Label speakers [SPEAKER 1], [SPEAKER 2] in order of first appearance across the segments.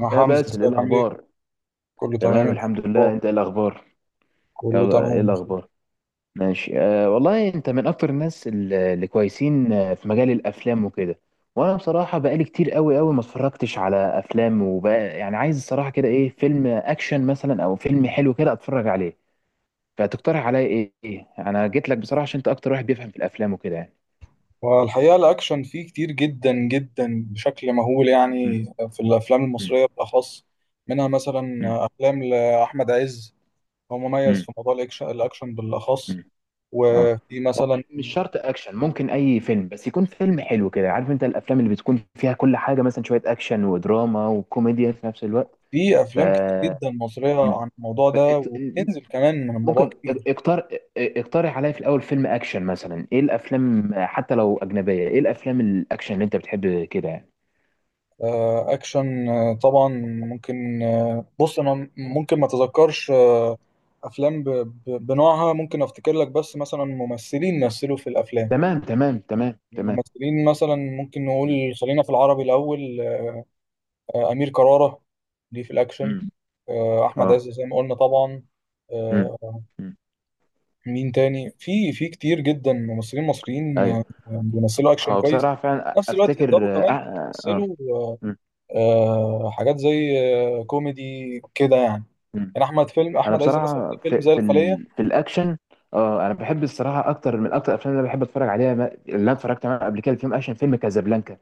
[SPEAKER 1] يا
[SPEAKER 2] يا
[SPEAKER 1] حمزة،
[SPEAKER 2] باسل، ايه
[SPEAKER 1] ازيك؟ عامل ايه؟
[SPEAKER 2] الاخبار؟
[SPEAKER 1] كله تمام؟
[SPEAKER 2] تمام،
[SPEAKER 1] انت
[SPEAKER 2] الحمد لله.
[SPEAKER 1] اخبارك؟
[SPEAKER 2] انت ايه الاخبار؟
[SPEAKER 1] كله
[SPEAKER 2] يلا، ايه
[SPEAKER 1] تمام.
[SPEAKER 2] الاخبار؟ ماشي. والله انت من اكتر الناس اللي كويسين، في مجال الافلام وكده. وانا بصراحه بقالي كتير قوي قوي ما اتفرجتش على افلام، وبقى يعني عايز الصراحه كده ايه؟ فيلم اكشن مثلا او فيلم حلو كده اتفرج عليه. فتقترح عليا ايه انا جيت لك بصراحه عشان انت اكتر واحد بيفهم في الافلام وكده يعني.
[SPEAKER 1] والحقيقة الأكشن فيه كتير جدا جدا بشكل مهول
[SPEAKER 2] مم،
[SPEAKER 1] يعني، في الأفلام
[SPEAKER 2] مم،
[SPEAKER 1] المصرية بالأخص. منها مثلا
[SPEAKER 2] مم،
[SPEAKER 1] أفلام لأحمد عز، هو مميز
[SPEAKER 2] مم،
[SPEAKER 1] في موضوع الأكشن بالأخص.
[SPEAKER 2] مم. اه.
[SPEAKER 1] وفي
[SPEAKER 2] هو
[SPEAKER 1] مثلا
[SPEAKER 2] مش شرط اكشن، ممكن اي فيلم بس يكون فيلم حلو كده. عارف انت الافلام اللي بتكون فيها كل حاجه، مثلا شويه اكشن ودراما وكوميديا في نفس الوقت.
[SPEAKER 1] في
[SPEAKER 2] ف
[SPEAKER 1] أفلام كتير جدا مصرية
[SPEAKER 2] مم.
[SPEAKER 1] عن الموضوع
[SPEAKER 2] ف-
[SPEAKER 1] ده،
[SPEAKER 2] ات-
[SPEAKER 1] وبتنزل كمان من الموضوع
[SPEAKER 2] ممكن
[SPEAKER 1] كتير.
[SPEAKER 2] اقترح اقترح عليا في الاول فيلم اكشن مثلا. ايه الافلام حتى لو اجنبيه؟ ايه الافلام الاكشن اللي انت بتحب كده يعني؟
[SPEAKER 1] اكشن، طبعا ممكن. بص انا ممكن ما اتذكرش، افلام بنوعها، ممكن افتكر لك. بس مثلا ممثلين مثلوا في الافلام،
[SPEAKER 2] تمام، تمام، تمام، تمام.
[SPEAKER 1] ممثلين مثلا ممكن نقول.
[SPEAKER 2] مم.
[SPEAKER 1] خلينا في العربي الاول. امير كرارة ليه في الاكشن،
[SPEAKER 2] مم.
[SPEAKER 1] احمد عز
[SPEAKER 2] اه.
[SPEAKER 1] زي ما قلنا طبعا.
[SPEAKER 2] مم.
[SPEAKER 1] آه،
[SPEAKER 2] مم.
[SPEAKER 1] مين تاني؟ في كتير جدا ممثلين مصريين
[SPEAKER 2] ايوه.
[SPEAKER 1] بيمثلوا اكشن
[SPEAKER 2] هو
[SPEAKER 1] كويس،
[SPEAKER 2] بصراحه
[SPEAKER 1] في
[SPEAKER 2] فعلا
[SPEAKER 1] نفس الوقت يقدروا
[SPEAKER 2] افتكر.
[SPEAKER 1] كمان يمثلوا
[SPEAKER 2] مم.
[SPEAKER 1] حاجات زي كوميدي كده يعني.
[SPEAKER 2] مم.
[SPEAKER 1] يعني احمد، فيلم
[SPEAKER 2] انا
[SPEAKER 1] احمد عز مثلا
[SPEAKER 2] بصراحه
[SPEAKER 1] في فيلم
[SPEAKER 2] في
[SPEAKER 1] زي
[SPEAKER 2] في
[SPEAKER 1] الخليه.
[SPEAKER 2] في الاكشن. اه، انا بحب الصراحه اكتر. من اكتر الافلام اللي أنا بحب اتفرج عليها، اللي انا اتفرجت عليها قبل كده، فيلم اكشن، فيلم كازابلانكا.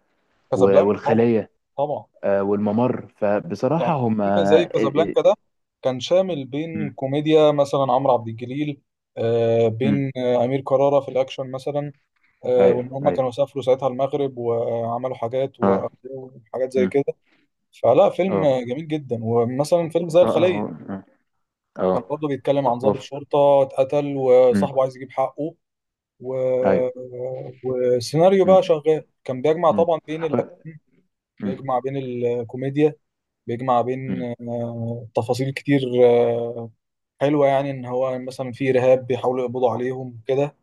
[SPEAKER 1] كازابلانكا طبعا،
[SPEAKER 2] والخليه.
[SPEAKER 1] طبعا.
[SPEAKER 2] والممر، فبصراحه
[SPEAKER 1] يعني
[SPEAKER 2] هم.
[SPEAKER 1] فيلم زي كازابلانكا ده كان شامل بين كوميديا مثلا عمرو عبد الجليل، بين امير كرارة في الاكشن مثلا. وان
[SPEAKER 2] ايوه،
[SPEAKER 1] هم
[SPEAKER 2] ايوه.
[SPEAKER 1] كانوا سافروا ساعتها المغرب وعملوا حاجات،
[SPEAKER 2] اه.
[SPEAKER 1] وحاجات زي
[SPEAKER 2] مم.
[SPEAKER 1] كده. فلا، فيلم
[SPEAKER 2] اه،
[SPEAKER 1] جميل جدا. ومثلا فيلم زي
[SPEAKER 2] اه،
[SPEAKER 1] الخليه
[SPEAKER 2] اه، اه، اه.
[SPEAKER 1] كان
[SPEAKER 2] آه.
[SPEAKER 1] برضه بيتكلم عن ضابط
[SPEAKER 2] أوف.
[SPEAKER 1] شرطه اتقتل
[SPEAKER 2] مم.
[SPEAKER 1] وصاحبه عايز يجيب حقه. و...
[SPEAKER 2] ايوه.
[SPEAKER 1] وسيناريو
[SPEAKER 2] مم.
[SPEAKER 1] بقى شغال، كان بيجمع
[SPEAKER 2] مم.
[SPEAKER 1] طبعا بين
[SPEAKER 2] هو-
[SPEAKER 1] الأكشن،
[SPEAKER 2] مم.
[SPEAKER 1] بيجمع بين الكوميديا، بيجمع بين
[SPEAKER 2] مم.
[SPEAKER 1] تفاصيل كتير حلوة. يعني إن هو مثلا في إرهاب بيحاولوا يقبضوا عليهم كده،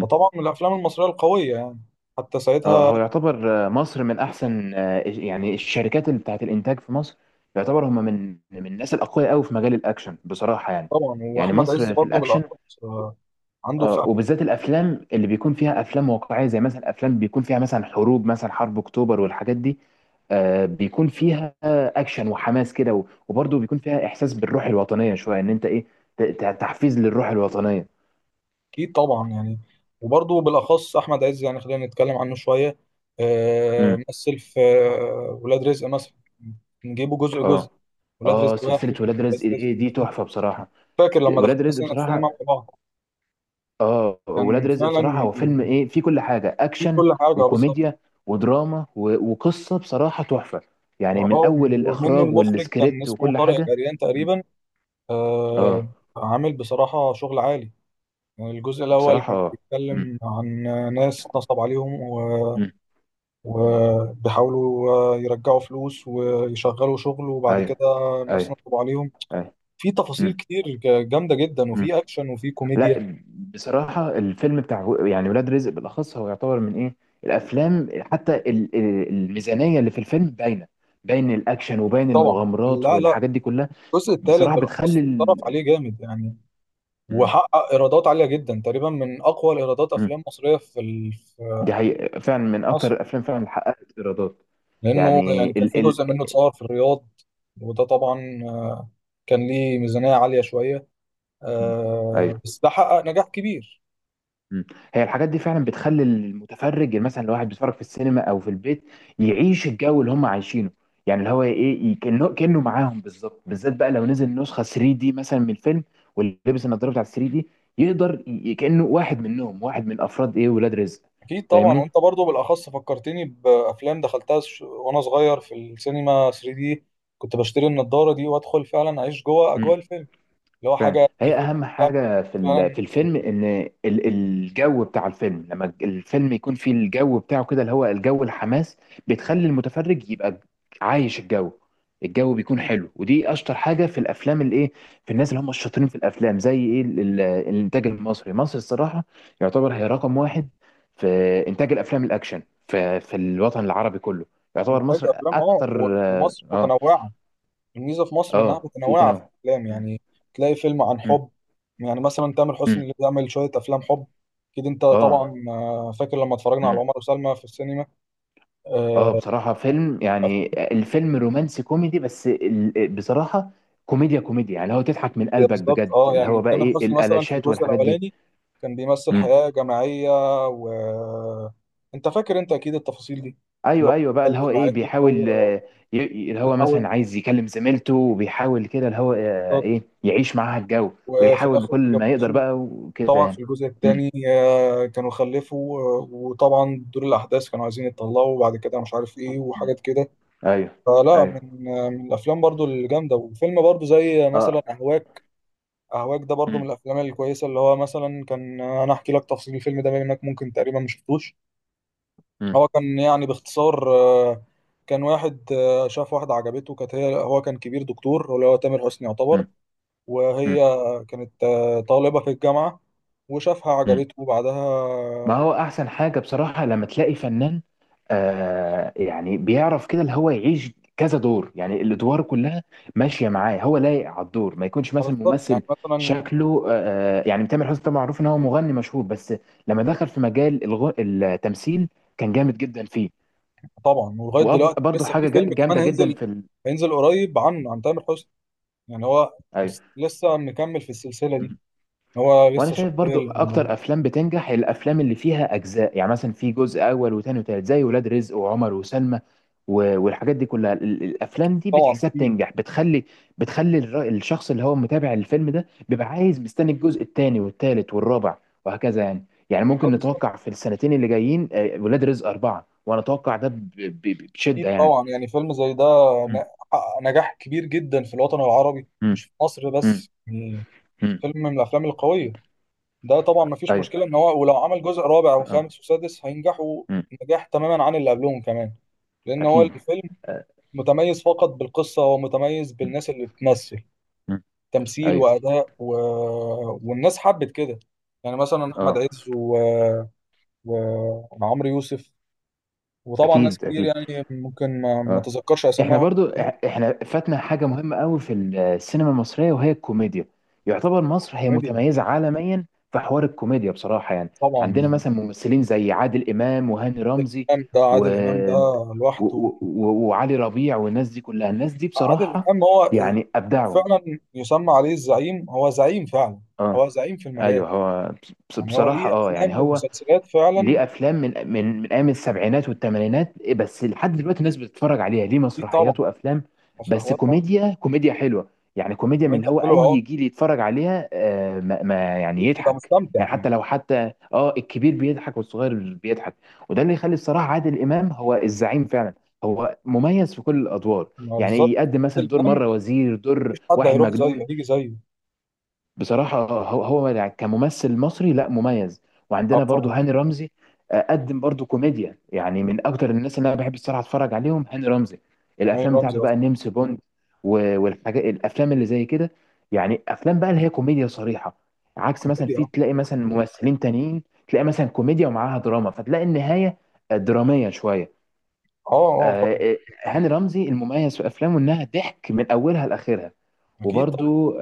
[SPEAKER 1] فطبعا من الأفلام المصرية القوية يعني حتى ساعتها.
[SPEAKER 2] هو يعتبر مصر من احسن، يعني الشركات اللي بتاعت الانتاج في مصر. يعتبر هم من الناس الاقوياء قوي في مجال الاكشن بصراحه يعني.
[SPEAKER 1] طبعا
[SPEAKER 2] يعني
[SPEAKER 1] وأحمد عز
[SPEAKER 2] مصر في
[SPEAKER 1] برضه
[SPEAKER 2] الاكشن.
[SPEAKER 1] بالأخص آه، عنده.
[SPEAKER 2] وبالذات الافلام اللي بيكون فيها افلام واقعيه، زي مثلا افلام بيكون فيها مثلا حروب، مثلا حرب اكتوبر والحاجات دي. بيكون فيها اكشن وحماس كده، وبرضه بيكون فيها احساس بالروح الوطنيه شويه، ان انت ايه؟ تحفيز للروح الوطنيه.
[SPEAKER 1] اكيد طبعا يعني. وبرضه بالاخص احمد عز، يعني خلينا نتكلم عنه شويه.
[SPEAKER 2] امم.
[SPEAKER 1] مثل في ولاد رزق مثلا. نجيبه جزء جزء.
[SPEAKER 2] اه،
[SPEAKER 1] ولاد رزق
[SPEAKER 2] اه، سلسله
[SPEAKER 1] واحد، ولاد
[SPEAKER 2] ولاد رزق،
[SPEAKER 1] رزق
[SPEAKER 2] ايه دي؟
[SPEAKER 1] اتنين.
[SPEAKER 2] تحفه بصراحه.
[SPEAKER 1] فاكر لما دخلنا
[SPEAKER 2] ولاد رزق
[SPEAKER 1] السينما مع
[SPEAKER 2] بصراحه.
[SPEAKER 1] بعض؟
[SPEAKER 2] اه، ولاد
[SPEAKER 1] كان
[SPEAKER 2] رزق
[SPEAKER 1] فعلا
[SPEAKER 2] بصراحة هو فيلم ايه؟ فيه كل حاجة،
[SPEAKER 1] فيه
[SPEAKER 2] اكشن
[SPEAKER 1] كل حاجه بالظبط.
[SPEAKER 2] وكوميديا ودراما، وقصة بصراحة تحفة. يعني من
[SPEAKER 1] واه،
[SPEAKER 2] اول
[SPEAKER 1] ومنه
[SPEAKER 2] الاخراج
[SPEAKER 1] المخرج كان
[SPEAKER 2] والسكريبت
[SPEAKER 1] اسمه
[SPEAKER 2] وكل
[SPEAKER 1] طارق
[SPEAKER 2] حاجة.
[SPEAKER 1] العريان
[SPEAKER 2] مم.
[SPEAKER 1] تقريبا.
[SPEAKER 2] اه،
[SPEAKER 1] آه، عامل بصراحه شغل عالي. يعني الجزء الاول
[SPEAKER 2] بصراحة،
[SPEAKER 1] كان
[SPEAKER 2] اه. مم.
[SPEAKER 1] بيتكلم عن ناس نصب عليهم،
[SPEAKER 2] مم. مم.
[SPEAKER 1] وبيحاولوا يرجعوا فلوس ويشغلوا شغل. وبعد كده
[SPEAKER 2] ايوه،
[SPEAKER 1] الناس
[SPEAKER 2] ايوه.
[SPEAKER 1] نصب عليهم.
[SPEAKER 2] ايوه.
[SPEAKER 1] في تفاصيل
[SPEAKER 2] مم.
[SPEAKER 1] كتير جامدة جدا،
[SPEAKER 2] مم.
[SPEAKER 1] وفي أكشن وفي كوميديا.
[SPEAKER 2] لا. بصراحة الفيلم بتاع يعني ولاد رزق بالاخص هو يعتبر من ايه؟ الافلام، حتى الميزانية اللي في الفيلم باينة. باين الاكشن وباين
[SPEAKER 1] طبعا.
[SPEAKER 2] المغامرات
[SPEAKER 1] لا، لا،
[SPEAKER 2] والحاجات دي كلها.
[SPEAKER 1] الجزء الثالث
[SPEAKER 2] بصراحة بتخلي
[SPEAKER 1] بالأخص اتصرف
[SPEAKER 2] ال...
[SPEAKER 1] عليه جامد يعني، وحقق إيرادات عالية جدا، تقريبا من أقوى الإيرادات
[SPEAKER 2] مم.
[SPEAKER 1] أفلام مصرية في في
[SPEAKER 2] دي حقيقة، فعلا من
[SPEAKER 1] مصر.
[SPEAKER 2] أكتر الأفلام فعلا اللي حققت إيرادات.
[SPEAKER 1] لأنه
[SPEAKER 2] يعني
[SPEAKER 1] يعني كان
[SPEAKER 2] ال
[SPEAKER 1] في
[SPEAKER 2] ال
[SPEAKER 1] جزء منه اتصور في الرياض، وده طبعا كان ليه ميزانية عالية شوية.
[SPEAKER 2] م. أيوه.
[SPEAKER 1] بس ده حقق نجاح كبير.
[SPEAKER 2] م. هي الحاجات دي فعلا بتخلي المتفرج. يعني مثلا لو واحد بيتفرج في السينما أو في البيت، يعيش الجو اللي هم عايشينه. يعني اللي هو إيه؟ كأنه معاهم بالظبط، بالذات بقى لو نزل نسخة 3 دي مثلا من الفيلم، ولبس النضارة بتاعت 3 دي، يقدر كأنه واحد منهم، واحد من أفراد إيه، ولاد رزق.
[SPEAKER 1] اكيد طبعا.
[SPEAKER 2] فاهمني؟
[SPEAKER 1] وانت برضو بالاخص فكرتني بافلام دخلتها وانا صغير في السينما 3D دي. كنت بشتري النضاره دي وادخل فعلا اعيش جوه اجواء الفيلم، اللي هو
[SPEAKER 2] فعلا
[SPEAKER 1] حاجه تيجي
[SPEAKER 2] هي
[SPEAKER 1] في وشك.
[SPEAKER 2] اهم حاجه
[SPEAKER 1] فعلا،
[SPEAKER 2] في الفيلم ان الجو بتاع الفيلم. لما الفيلم يكون فيه الجو بتاعه كده، اللي هو الجو الحماس، بتخلي المتفرج يبقى عايش الجو. الجو بيكون
[SPEAKER 1] أكيد.
[SPEAKER 2] حلو، ودي اشطر حاجه في الافلام الايه. في الناس اللي هم الشاطرين في الافلام، زي ايه، الانتاج المصري، مصر الصراحه. يعتبر هي رقم واحد في انتاج الافلام الاكشن في الوطن العربي كله. يعتبر
[SPEAKER 1] انتاج
[SPEAKER 2] مصر
[SPEAKER 1] افلام، اه،
[SPEAKER 2] اكتر، اه،
[SPEAKER 1] ومصر
[SPEAKER 2] اه.
[SPEAKER 1] متنوعه. الميزه في مصر انها
[SPEAKER 2] في
[SPEAKER 1] متنوعه في
[SPEAKER 2] تنوع.
[SPEAKER 1] الافلام
[SPEAKER 2] م-
[SPEAKER 1] يعني. تلاقي فيلم عن
[SPEAKER 2] م-
[SPEAKER 1] حب، يعني مثلا تامر
[SPEAKER 2] م.
[SPEAKER 1] حسني اللي بيعمل شويه افلام حب. اكيد انت طبعا
[SPEAKER 2] اه.
[SPEAKER 1] فاكر لما اتفرجنا على عمر وسلمى في السينما. آه،
[SPEAKER 2] اه، بصراحة فيلم، يعني الفيلم رومانسي كوميدي بس، بصراحة كوميديا كوميديا، يعني اللي هو تضحك من
[SPEAKER 1] هي
[SPEAKER 2] قلبك
[SPEAKER 1] بالظبط،
[SPEAKER 2] بجد،
[SPEAKER 1] اه.
[SPEAKER 2] اللي هو
[SPEAKER 1] يعني
[SPEAKER 2] بقى
[SPEAKER 1] تامر
[SPEAKER 2] ايه
[SPEAKER 1] حسني مثلا في
[SPEAKER 2] الالاشات
[SPEAKER 1] الجزء
[SPEAKER 2] والحاجات دي.
[SPEAKER 1] الاولاني كان بيمثل
[SPEAKER 2] مم.
[SPEAKER 1] حياه جماعيه، و انت فاكر، انت اكيد التفاصيل دي. اللي
[SPEAKER 2] ايوه، ايوه بقى،
[SPEAKER 1] هو
[SPEAKER 2] اللي هو ايه،
[SPEAKER 1] الجماعيه،
[SPEAKER 2] بيحاول
[SPEAKER 1] هو
[SPEAKER 2] اللي هو
[SPEAKER 1] بيحاول،
[SPEAKER 2] مثلا عايز يكلم زميلته، وبيحاول كده اللي هو
[SPEAKER 1] بالظبط.
[SPEAKER 2] ايه، يعيش معاها الجو،
[SPEAKER 1] وفي
[SPEAKER 2] ويحاول
[SPEAKER 1] الاخر
[SPEAKER 2] بكل ما يقدر
[SPEAKER 1] اتجوزوا.
[SPEAKER 2] بقى وكده
[SPEAKER 1] وطبعا
[SPEAKER 2] يعني.
[SPEAKER 1] في الجزء
[SPEAKER 2] مم.
[SPEAKER 1] الثاني كانوا خلفوا وطبعا دور الاحداث كانوا عايزين يتطلقوا، وبعد كده مش عارف ايه
[SPEAKER 2] مم.
[SPEAKER 1] وحاجات كده.
[SPEAKER 2] ايوه،
[SPEAKER 1] فلا،
[SPEAKER 2] ايوه.
[SPEAKER 1] من من الافلام برضو الجامده. وفيلم برضو زي مثلا
[SPEAKER 2] اه.
[SPEAKER 1] اهواك. أهواك ده برضو من
[SPEAKER 2] مم.
[SPEAKER 1] الأفلام الكويسة. اللي هو مثلا كان، أنا أحكي لك تفاصيل الفيلم ده بما إنك ممكن تقريبا ما شفتوش.
[SPEAKER 2] مم.
[SPEAKER 1] هو كان يعني باختصار آه، كان واحد شاف واحدة عجبته. كانت هي، هو كان كبير دكتور اللي هو تامر حسني يعتبر.
[SPEAKER 2] مم.
[SPEAKER 1] وهي كانت طالبة في الجامعة. وشافها
[SPEAKER 2] مم.
[SPEAKER 1] عجبته، وبعدها
[SPEAKER 2] ما هو احسن حاجه بصراحه لما تلاقي فنان، يعني بيعرف كده اللي هو يعيش كذا دور. يعني الادوار كلها ماشيه معاه، هو لايق على الدور، ما يكونش مثلا
[SPEAKER 1] بالظبط.
[SPEAKER 2] ممثل
[SPEAKER 1] يعني مثلا
[SPEAKER 2] شكله. يعني تامر حسني طبعا معروف ان هو مغني مشهور، بس لما دخل في مجال التمثيل كان جامد جدا فيه.
[SPEAKER 1] طبعا ولغاية دلوقتي
[SPEAKER 2] وبرضه
[SPEAKER 1] لسه في
[SPEAKER 2] حاجه
[SPEAKER 1] فيلم كمان
[SPEAKER 2] جامده جدا
[SPEAKER 1] هينزل،
[SPEAKER 2] في ال...
[SPEAKER 1] هينزل قريب عنه، عن تامر حسني. يعني هو
[SPEAKER 2] ايوه،
[SPEAKER 1] لسه مكمل في السلسلة دي، هو
[SPEAKER 2] وانا
[SPEAKER 1] لسه
[SPEAKER 2] شايف برضو
[SPEAKER 1] شغال.
[SPEAKER 2] اكتر افلام بتنجح الافلام اللي فيها اجزاء. يعني مثلا في جزء اول وتاني وتالت زي ولاد رزق وعمر وسلمى، والحاجات دي كلها، الافلام دي
[SPEAKER 1] طبعا،
[SPEAKER 2] بتحسها
[SPEAKER 1] اكيد.
[SPEAKER 2] بتنجح، بتخلي بتخلي الشخص اللي هو متابع الفيلم ده بيبقى عايز، مستني الجزء التاني والتالت والرابع وهكذا يعني
[SPEAKER 1] اه،
[SPEAKER 2] ممكن
[SPEAKER 1] بالظبط.
[SPEAKER 2] نتوقع في السنتين اللي جايين ولاد رزق أربعة، وانا اتوقع ده بشدة
[SPEAKER 1] اكيد
[SPEAKER 2] يعني.
[SPEAKER 1] طبعا، يعني فيلم زي ده ن-
[SPEAKER 2] مم.
[SPEAKER 1] حقق نجاح كبير جدا في الوطن العربي،
[SPEAKER 2] مم.
[SPEAKER 1] مش في مصر
[SPEAKER 2] مم.
[SPEAKER 1] بس يعني.
[SPEAKER 2] مم.
[SPEAKER 1] فيلم من الافلام القويه ده طبعا. ما فيش
[SPEAKER 2] ايوه.
[SPEAKER 1] مشكله ان هو ولو عمل جزء رابع
[SPEAKER 2] اه.
[SPEAKER 1] وخامس وسادس هينجحوا
[SPEAKER 2] مم.
[SPEAKER 1] نجاح تماما عن اللي قبلهم كمان. لان هو
[SPEAKER 2] اكيد.
[SPEAKER 1] الفيلم
[SPEAKER 2] آه.
[SPEAKER 1] متميز فقط بالقصه، هو متميز
[SPEAKER 2] مم.
[SPEAKER 1] بالناس اللي بتمثل
[SPEAKER 2] مم.
[SPEAKER 1] تمثيل
[SPEAKER 2] ايوه.
[SPEAKER 1] واداء والناس حبت كده. يعني مثلا احمد
[SPEAKER 2] اه.
[SPEAKER 1] عز وعمرو يوسف، وطبعا ناس
[SPEAKER 2] اكيد،
[SPEAKER 1] كتير
[SPEAKER 2] اكيد.
[SPEAKER 1] يعني ممكن ما
[SPEAKER 2] اه.
[SPEAKER 1] تذكرش
[SPEAKER 2] احنا
[SPEAKER 1] اسمائهم.
[SPEAKER 2] برضو، احنا فاتنا حاجه مهمه قوي في السينما المصريه، وهي الكوميديا. يعتبر مصر هي
[SPEAKER 1] كوميديا،
[SPEAKER 2] متميزه عالميا في حوار الكوميديا بصراحه يعني.
[SPEAKER 1] طبعا.
[SPEAKER 2] عندنا مثلا ممثلين زي عادل امام وهاني
[SPEAKER 1] عادل
[SPEAKER 2] رمزي
[SPEAKER 1] امام ده،
[SPEAKER 2] و...
[SPEAKER 1] عادل امام ده
[SPEAKER 2] و...
[SPEAKER 1] لوحده.
[SPEAKER 2] وعلي ربيع، والناس دي كلها، الناس دي
[SPEAKER 1] عادل
[SPEAKER 2] بصراحه
[SPEAKER 1] امام هو
[SPEAKER 2] يعني ابدعوا.
[SPEAKER 1] فعلا يسمى عليه الزعيم، هو زعيم فعلا، هو
[SPEAKER 2] اه.
[SPEAKER 1] زعيم في المجال.
[SPEAKER 2] ايوه. هو
[SPEAKER 1] يعني هو ليه
[SPEAKER 2] بصراحه،
[SPEAKER 1] افلام
[SPEAKER 2] يعني هو
[SPEAKER 1] ومسلسلات فعلا.
[SPEAKER 2] ليه افلام من ايام السبعينات والثمانينات، بس لحد دلوقتي الناس بتتفرج عليها. ليه
[SPEAKER 1] اكيد طبعا،
[SPEAKER 2] مسرحيات وافلام، بس
[SPEAKER 1] مسرحيات اه.
[SPEAKER 2] كوميديا كوميديا حلوه. يعني كوميديا من اللي
[SPEAKER 1] كوميديا
[SPEAKER 2] هو
[SPEAKER 1] حلوه، اه،
[SPEAKER 2] اي جيل يتفرج عليها، ما يعني
[SPEAKER 1] اكيد بتبقى
[SPEAKER 2] يضحك،
[SPEAKER 1] مستمتع
[SPEAKER 2] يعني
[SPEAKER 1] يعني.
[SPEAKER 2] حتى لو حتى اه الكبير بيضحك والصغير بيضحك. وده اللي يخلي الصراحه عادل امام هو الزعيم فعلا. هو مميز في كل الادوار،
[SPEAKER 1] ما بالظبط.
[SPEAKER 2] يعني يقدم
[SPEAKER 1] عادل
[SPEAKER 2] مثلا دور
[SPEAKER 1] امام
[SPEAKER 2] مره وزير، دور
[SPEAKER 1] مفيش حد
[SPEAKER 2] واحد
[SPEAKER 1] هيروح
[SPEAKER 2] مجنون.
[SPEAKER 1] زيه، هيجي زيه.
[SPEAKER 2] بصراحة هو يعني كممثل مصري، لا مميز.
[SPEAKER 1] اه
[SPEAKER 2] وعندنا برضو
[SPEAKER 1] طبعا،
[SPEAKER 2] هاني رمزي. قدم برضو كوميديا. يعني من أكتر الناس اللي أنا بحب الصراحة أتفرج عليهم هاني رمزي.
[SPEAKER 1] هاني
[SPEAKER 2] الأفلام
[SPEAKER 1] رمزي
[SPEAKER 2] بتاعته
[SPEAKER 1] اصلا.
[SPEAKER 2] بقى نمس بوند والحاجات، الأفلام اللي زي كده. يعني أفلام بقى اللي هي كوميديا صريحة، عكس مثلا
[SPEAKER 1] كوميديا،
[SPEAKER 2] في
[SPEAKER 1] اه،
[SPEAKER 2] تلاقي مثلا ممثلين تانيين، تلاقي مثلا كوميديا ومعاها دراما فتلاقي النهاية درامية شوية.
[SPEAKER 1] اه، اه
[SPEAKER 2] آه،
[SPEAKER 1] طبعا.
[SPEAKER 2] آه، هاني رمزي المميز في أفلامه إنها ضحك من أولها لآخرها.
[SPEAKER 1] اكيد طبعا.
[SPEAKER 2] وبرضو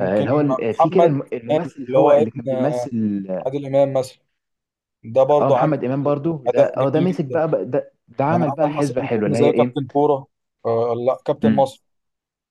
[SPEAKER 2] اللي هو في كده
[SPEAKER 1] محمد إمام،
[SPEAKER 2] الممثل اللي
[SPEAKER 1] اللي
[SPEAKER 2] هو
[SPEAKER 1] هو إيه؟
[SPEAKER 2] اللي كان بيمثل،
[SPEAKER 1] عادل امام مثلا. ده
[SPEAKER 2] اه،
[SPEAKER 1] برضه عامل
[SPEAKER 2] محمد امام برضو ده،
[SPEAKER 1] اداء
[SPEAKER 2] اه، ده
[SPEAKER 1] جميل
[SPEAKER 2] مسك
[SPEAKER 1] جدا.
[SPEAKER 2] بقى ده
[SPEAKER 1] يعني
[SPEAKER 2] عمل بقى
[SPEAKER 1] عمل مثلا
[SPEAKER 2] حسبة حلوة
[SPEAKER 1] فيلم
[SPEAKER 2] اللي هي
[SPEAKER 1] زي
[SPEAKER 2] ايه؟
[SPEAKER 1] كابتن كوره، لا كابتن
[SPEAKER 2] مم.
[SPEAKER 1] مصر،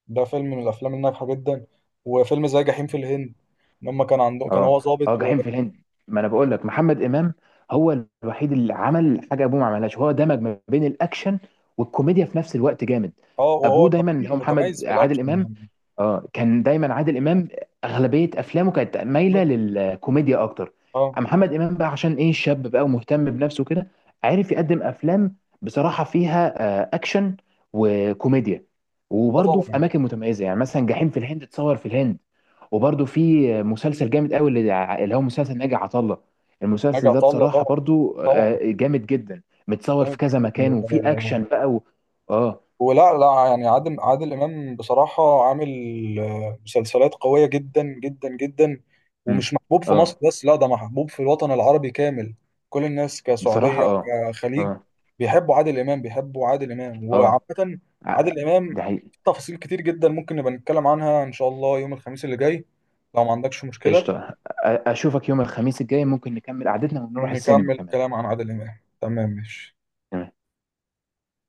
[SPEAKER 1] ده فيلم من الافلام الناجحه جدا. وفيلم زي جحيم في الهند، لما كان عنده، كان هو
[SPEAKER 2] اه، اه،
[SPEAKER 1] ظابط
[SPEAKER 2] جحيم في الهند. ما انا بقول لك محمد امام هو الوحيد اللي عمل حاجه ابوه ما عملهاش، هو دمج ما بين الاكشن والكوميديا في نفس الوقت جامد.
[SPEAKER 1] اه. وهو
[SPEAKER 2] ابوه دايما اللي هو
[SPEAKER 1] كمان متميز
[SPEAKER 2] محمد
[SPEAKER 1] في
[SPEAKER 2] عادل
[SPEAKER 1] الاكشن
[SPEAKER 2] امام،
[SPEAKER 1] يعني.
[SPEAKER 2] اه، كان دايما عادل امام اغلبيه افلامه كانت مايله
[SPEAKER 1] كوميدي،
[SPEAKER 2] للكوميديا اكتر.
[SPEAKER 1] اه،
[SPEAKER 2] محمد امام بقى عشان ايه شاب بقى ومهتم بنفسه كده، عارف يقدم افلام بصراحه فيها اكشن وكوميديا،
[SPEAKER 1] اه،
[SPEAKER 2] وبرضه في
[SPEAKER 1] طبعا.
[SPEAKER 2] اماكن متميزه. يعني مثلا جحيم في الهند اتصور في الهند. وبرده في مسلسل جامد قوي، اللي هو مسلسل ناجي عطا الله.
[SPEAKER 1] ناجي
[SPEAKER 2] المسلسل ده
[SPEAKER 1] عطا الله
[SPEAKER 2] بصراحة
[SPEAKER 1] طبعا،
[SPEAKER 2] برده
[SPEAKER 1] طبعا،
[SPEAKER 2] جامد جدا، متصور في
[SPEAKER 1] جامد
[SPEAKER 2] كذا مكان وفي اكشن
[SPEAKER 1] جدا.
[SPEAKER 2] بقى. اه.
[SPEAKER 1] ولا لا، يعني عادل إمام بصراحة عامل مسلسلات قوية جدا جدا جدا،
[SPEAKER 2] مم.
[SPEAKER 1] ومش محبوب في مصر
[SPEAKER 2] اه،
[SPEAKER 1] بس، لا، ده محبوب في الوطن العربي كامل. كل الناس،
[SPEAKER 2] بصراحة،
[SPEAKER 1] كسعودية،
[SPEAKER 2] اه،
[SPEAKER 1] كخليج،
[SPEAKER 2] اه،
[SPEAKER 1] بيحبوا عادل إمام، بيحبوا عادل إمام.
[SPEAKER 2] اه.
[SPEAKER 1] وعامة
[SPEAKER 2] ع-
[SPEAKER 1] عادل إمام
[SPEAKER 2] ده حقيقي.
[SPEAKER 1] في تفاصيل كتير جدا ممكن نبقى نتكلم عنها إن شاء الله يوم الخميس اللي جاي، لو ما عندكش مشكلة.
[SPEAKER 2] قشطة، اشوفك يوم الخميس الجاي. ممكن نكمل قعدتنا ونروح
[SPEAKER 1] نكمل
[SPEAKER 2] السينما كمان.
[SPEAKER 1] الكلام عن عادل إمام. تمام، ماشي.